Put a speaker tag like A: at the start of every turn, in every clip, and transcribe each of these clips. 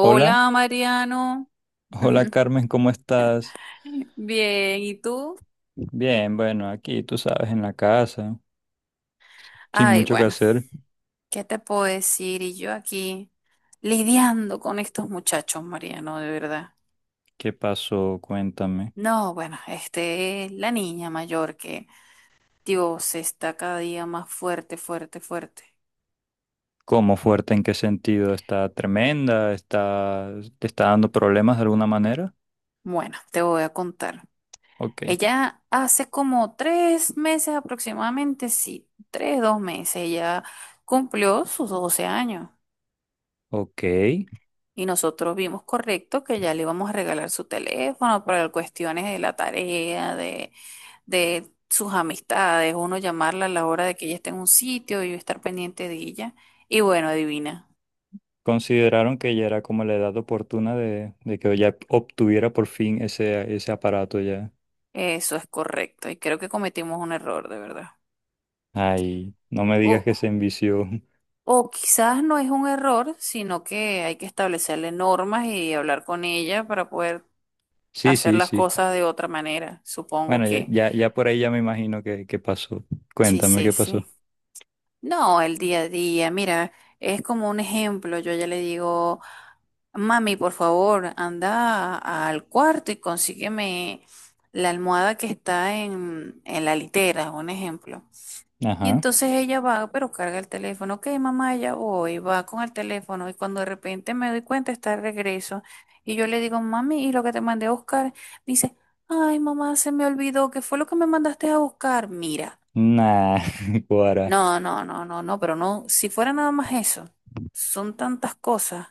A: Hola,
B: Mariano.
A: hola Carmen, ¿cómo estás?
B: Bien, ¿y tú?
A: Bien, bueno, aquí tú sabes, en la casa, sin
B: Ay,
A: mucho que
B: bueno,
A: hacer.
B: ¿qué te puedo decir? Y yo aquí lidiando con estos muchachos, Mariano, de verdad.
A: ¿Qué pasó? Cuéntame.
B: No, bueno, este es la niña mayor que, Dios, está cada día más fuerte, fuerte, fuerte.
A: ¿Cómo fuerte? ¿En qué sentido? ¿Está tremenda? ¿Está, te está dando problemas de alguna manera?
B: Bueno, te voy a contar.
A: Ok,
B: Ella hace como tres meses aproximadamente, sí, tres, dos meses, ella cumplió sus 12 años.
A: ok.
B: Y nosotros vimos correcto que ya le íbamos a regalar su teléfono para cuestiones de la tarea, de sus amistades, uno llamarla a la hora de que ella esté en un sitio y yo estar pendiente de ella. Y bueno, adivina,
A: Consideraron que ya era como la edad oportuna de, que ya obtuviera por fin ese aparato ya.
B: eso es correcto. Y creo que cometimos un error, de verdad.
A: Ay, no me digas que
B: O,
A: se envició.
B: o quizás no es un error, sino que hay que establecerle normas y hablar con ella para poder
A: Sí,
B: hacer
A: sí,
B: las
A: sí.
B: cosas de otra manera. Supongo
A: Bueno, ya,
B: que
A: ya, ya por ahí ya me imagino que pasó.
B: sí,
A: Cuéntame
B: sí,
A: qué
B: sí.
A: pasó.
B: No, el día a día, mira, es como un ejemplo. Yo ya le digo, mami, por favor, al cuarto y consígueme la almohada que está en la litera, un ejemplo. Y
A: Ajá.
B: entonces ella va, pero carga el teléfono. Ok, mamá, ya voy, va con el teléfono. Y cuando de repente me doy cuenta, está de regreso. Y yo le digo, mami, ¿y lo que te mandé a buscar? Dice, ay, mamá, se me olvidó. ¿Qué fue lo que me mandaste a buscar? Mira.
A: Nah, Guara.
B: No, no, no, no, no, pero no, si fuera nada más eso, son tantas cosas.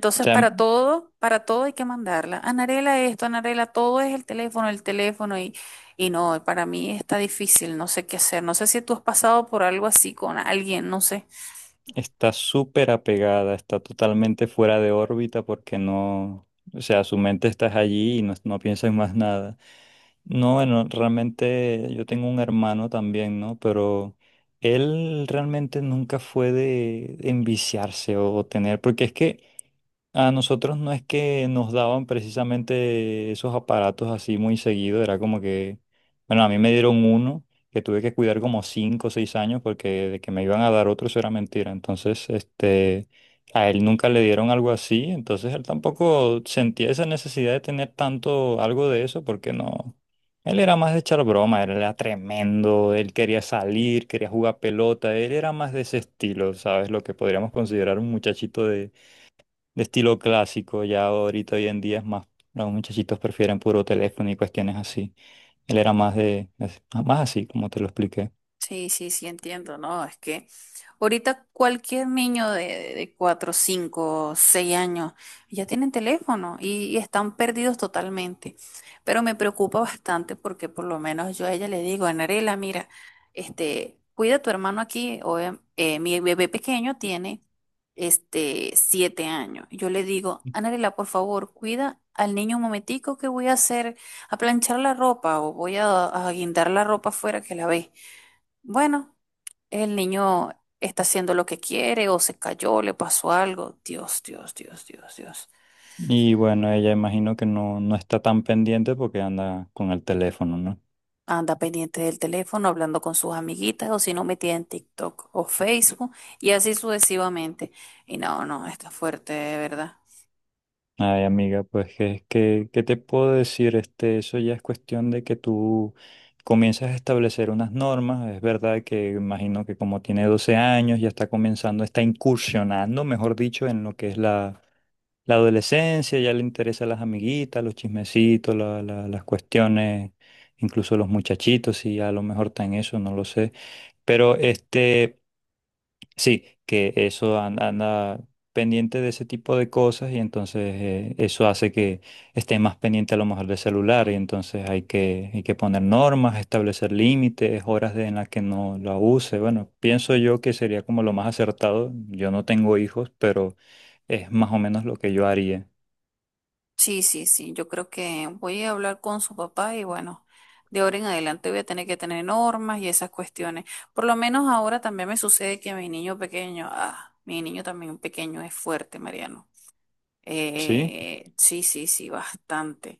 A: O sea,
B: para todo hay que mandarla. Anarela esto, Anarela, todo es el teléfono y no, para mí está difícil, no sé qué hacer. No sé si tú has pasado por algo así con alguien, no sé.
A: está súper apegada, está totalmente fuera de órbita porque no, o sea, su mente está allí y no, no piensa en más nada. No, bueno, realmente yo tengo un hermano también, ¿no? Pero él realmente nunca fue de enviciarse o tener, porque es que a nosotros no es que nos daban precisamente esos aparatos así muy seguido, era como que, bueno, a mí me dieron uno que tuve que cuidar como 5 o 6 años porque de que me iban a dar otro eso era mentira. Entonces, este, a él nunca le dieron algo así, entonces él tampoco sentía esa necesidad de tener tanto algo de eso porque no, él era más de echar broma, él era tremendo, él quería salir, quería jugar pelota, él era más de ese estilo, ¿sabes? Lo que podríamos considerar un muchachito de estilo clásico, ya ahorita hoy en día es más, los muchachitos prefieren puro teléfono y cuestiones así. Él era más de, más así, como te lo expliqué.
B: Sí, sí, sí, entiendo, ¿no? Es que ahorita cualquier niño de 4, 5, 6 años ya tienen teléfono y están perdidos totalmente. Pero me preocupa bastante porque por lo menos yo a ella le digo, Anarela, mira, este, cuida a tu hermano aquí. O, mi bebé pequeño tiene este, 7 años. Yo le digo, Anarela, por favor, cuida al niño un momentico que voy a hacer, a planchar la ropa o voy a guindar la ropa afuera que la ve. Bueno, el niño está haciendo lo que quiere o se cayó, le pasó algo. Dios, Dios, Dios, Dios, Dios.
A: Y bueno, ella imagino que no, no está tan pendiente porque anda con el teléfono, ¿no?
B: Anda pendiente del teléfono, hablando con sus amiguitas o si no metida en TikTok o Facebook y así sucesivamente. Y no, no, está fuerte, de verdad.
A: Ay, amiga, pues es que, ¿qué te puedo decir? Este, eso ya es cuestión de que tú comienzas a establecer unas normas. Es verdad que imagino que como tiene 12 años, ya está comenzando, está incursionando, mejor dicho, en lo que es la, adolescencia, ya le interesan las amiguitas, los chismecitos, las cuestiones, incluso los muchachitos, y a lo mejor está en eso, no lo sé. Pero este. Sí, que eso anda, pendiente de ese tipo de cosas y entonces eso hace que esté más pendiente a lo mejor del celular y entonces hay que poner normas, establecer límites, horas en las que no la use. Bueno, pienso yo que sería como lo más acertado. Yo no tengo hijos, pero es más o menos lo que yo haría.
B: Sí, sí, sí, yo creo que voy a hablar con su papá y bueno, de ahora en adelante voy a tener que tener normas y esas cuestiones. Por lo menos ahora también me sucede que mi niño pequeño, ah, mi niño también pequeño es fuerte, Mariano.
A: ¿Sí?
B: Sí, sí, sí, bastante.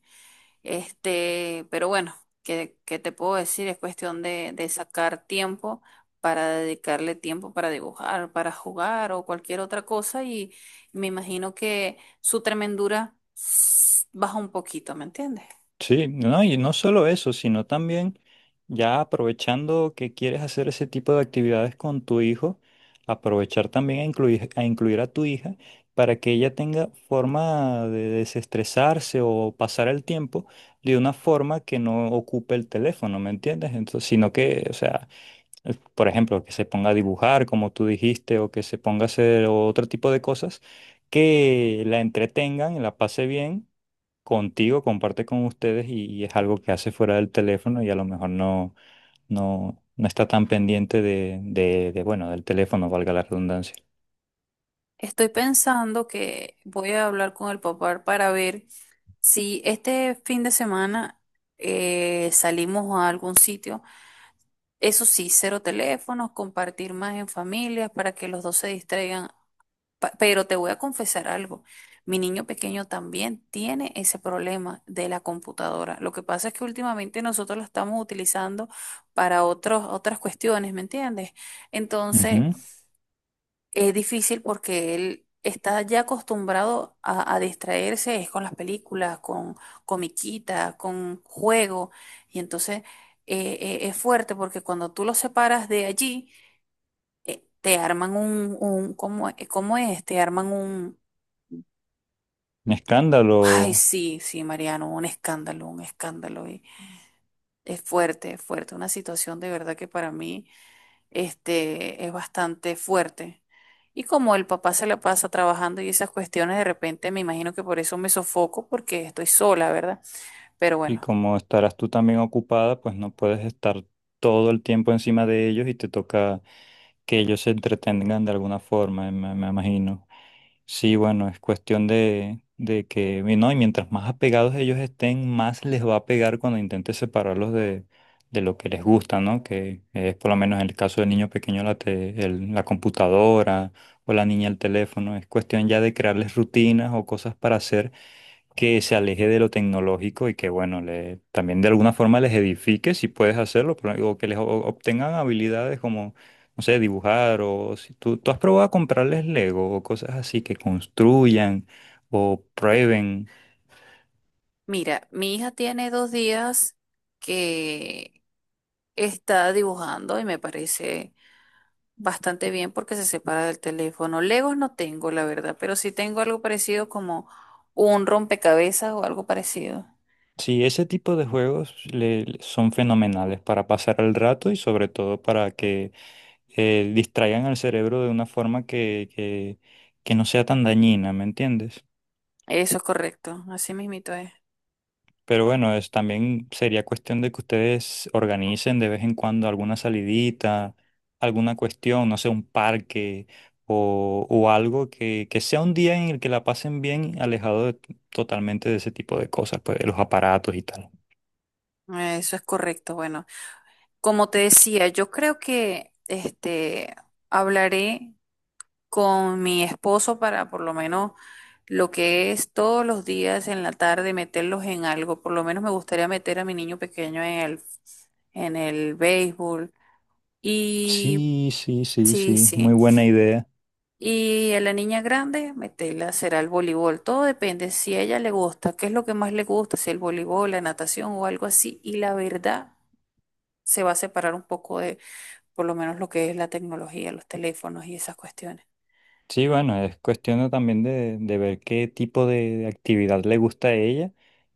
B: Este, pero bueno, ¿qué te puedo decir? Es cuestión de sacar tiempo para dedicarle tiempo para dibujar, para jugar o cualquier otra cosa y me imagino que su tremendura baja un poquito, ¿me entiendes?
A: Sí, no, y no solo eso, sino también ya aprovechando que quieres hacer ese tipo de actividades con tu hijo, aprovechar también a, incluir a tu hija para que ella tenga forma de desestresarse o pasar el tiempo de una forma que no ocupe el teléfono, ¿me entiendes? Entonces, sino que, o sea, por ejemplo, que se ponga a dibujar, como tú dijiste, o que se ponga a hacer otro tipo de cosas que la entretengan, la pase bien contigo, comparte con ustedes y es algo que hace fuera del teléfono y a lo mejor no, no, no está tan pendiente de, bueno, del teléfono, valga la redundancia.
B: Estoy pensando que voy a hablar con el papá para ver si este fin de semana salimos a algún sitio. Eso sí, cero teléfonos, compartir más en familias para que los dos se distraigan. Pero te voy a confesar algo. Mi niño pequeño también tiene ese problema de la computadora. Lo que pasa es que últimamente nosotros la estamos utilizando para otras cuestiones, ¿me entiendes? Entonces,
A: Ujú.
B: es difícil porque él está ya acostumbrado a distraerse, es con las películas, con comiquita, con juego. Y entonces es fuerte porque cuando tú lo separas de allí, te arman un ¿cómo, es? ¿Cómo es? Te arman un,
A: Un
B: ay,
A: escándalo.
B: sí, sí, Mariano, un escándalo, un escándalo. Y es fuerte, una situación de verdad que para mí, este, es bastante fuerte. Y como el papá se la pasa trabajando y esas cuestiones, de repente me imagino que por eso me sofoco, porque estoy sola, ¿verdad? Pero
A: Y
B: bueno,
A: como estarás tú también ocupada, pues no puedes estar todo el tiempo encima de ellos y te toca que ellos se entretengan de alguna forma, me imagino. Sí, bueno, es cuestión de que, y no, y mientras más apegados ellos estén, más les va a pegar cuando intentes separarlos de lo que les gusta, ¿no? Que es por lo menos en el caso del niño pequeño la computadora o la niña el teléfono. Es cuestión ya de crearles rutinas o cosas para hacer que se aleje de lo tecnológico y que, bueno, también de alguna forma les edifique si puedes hacerlo, pero, o que les obtengan habilidades como, no sé, dibujar o si tú has probado a comprarles Lego o cosas así que construyan o prueben.
B: mira, mi hija tiene dos días que está dibujando y me parece bastante bien porque se separa del teléfono. Legos no tengo, la verdad, pero sí tengo algo parecido como un rompecabezas o algo parecido.
A: Sí, ese tipo de juegos son fenomenales para pasar el rato y sobre todo para que distraigan al cerebro de una forma que, que no sea tan dañina, ¿me entiendes?
B: Eso es correcto, así mismito es.
A: Pero bueno, es también sería cuestión de que ustedes organicen de vez en cuando alguna salidita, alguna cuestión, no sé, un parque o algo que sea un día en el que la pasen bien, alejado totalmente de ese tipo de cosas, pues de los aparatos y tal.
B: Eso es correcto. Bueno. Como te decía, yo creo que este hablaré con mi esposo para por lo menos lo que es todos los días en la tarde meterlos en algo. Por lo menos me gustaría meter a mi niño pequeño en el béisbol y
A: Sí, sí, sí,
B: sí,
A: sí, muy
B: sí.
A: buena idea.
B: Y a la niña grande meterla será el voleibol. Todo depende si a ella le gusta, qué es lo que más le gusta, si el voleibol, la natación o algo así. Y la verdad se va a separar un poco de por lo menos lo que es la tecnología, los teléfonos y esas cuestiones.
A: Sí, bueno, es cuestión de también de ver qué tipo de actividad le gusta a ella.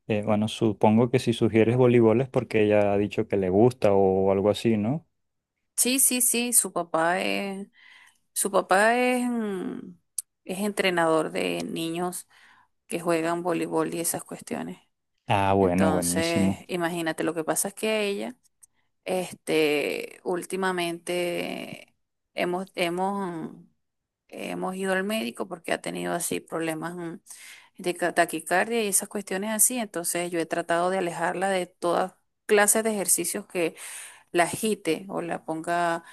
A: Bueno, supongo que si sugieres voleibol es porque ella ha dicho que le gusta o algo así, ¿no?
B: Sí, sí, sí, su papá es, es entrenador de niños que juegan voleibol y esas cuestiones.
A: Ah, bueno,
B: Entonces,
A: buenísimo.
B: imagínate, lo que pasa es que ella, este, últimamente hemos, hemos, mm, hemos ido al médico porque ha tenido así problemas de taquicardia y esas cuestiones así. Entonces, yo he tratado de alejarla de todas clases de ejercicios que la agite o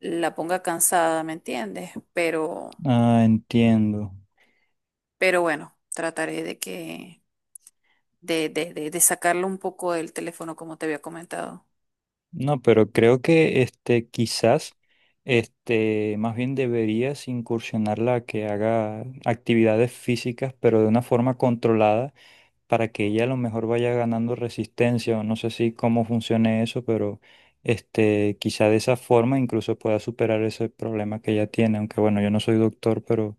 B: la ponga cansada, ¿me entiendes?
A: Ah, entiendo.
B: Pero bueno, trataré de que, de sacarlo un poco del teléfono, como te había comentado.
A: No, pero creo que este quizás este más bien deberías incursionarla a que haga actividades físicas, pero de una forma controlada. Para que ella a lo mejor vaya ganando resistencia, o no sé si cómo funcione eso, pero este, quizá de esa forma incluso pueda superar ese problema que ella tiene, aunque bueno, yo no soy doctor, pero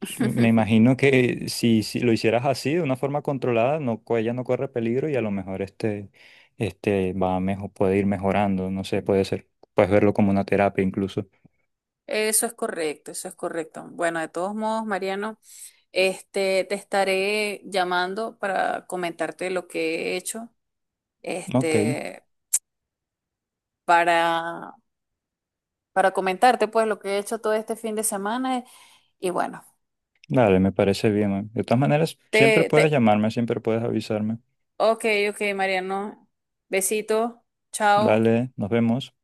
A: me imagino que si lo hicieras así, de una forma controlada, no, ella no corre peligro y a lo mejor este va mejor, puede ir mejorando, no sé, puede ser, puedes verlo como una terapia incluso.
B: Eso es correcto, eso es correcto. Bueno, de todos modos, Mariano, este, te estaré llamando para comentarte lo que he hecho,
A: Ok,
B: este, para, para comentarte pues lo que he hecho todo este fin de semana y bueno,
A: dale, me parece bien, man. De todas maneras, siempre
B: te,
A: puedes
B: te-
A: llamarme, siempre puedes avisarme.
B: Ok, ok, Mariano. Besito. Chao.
A: Vale, nos vemos.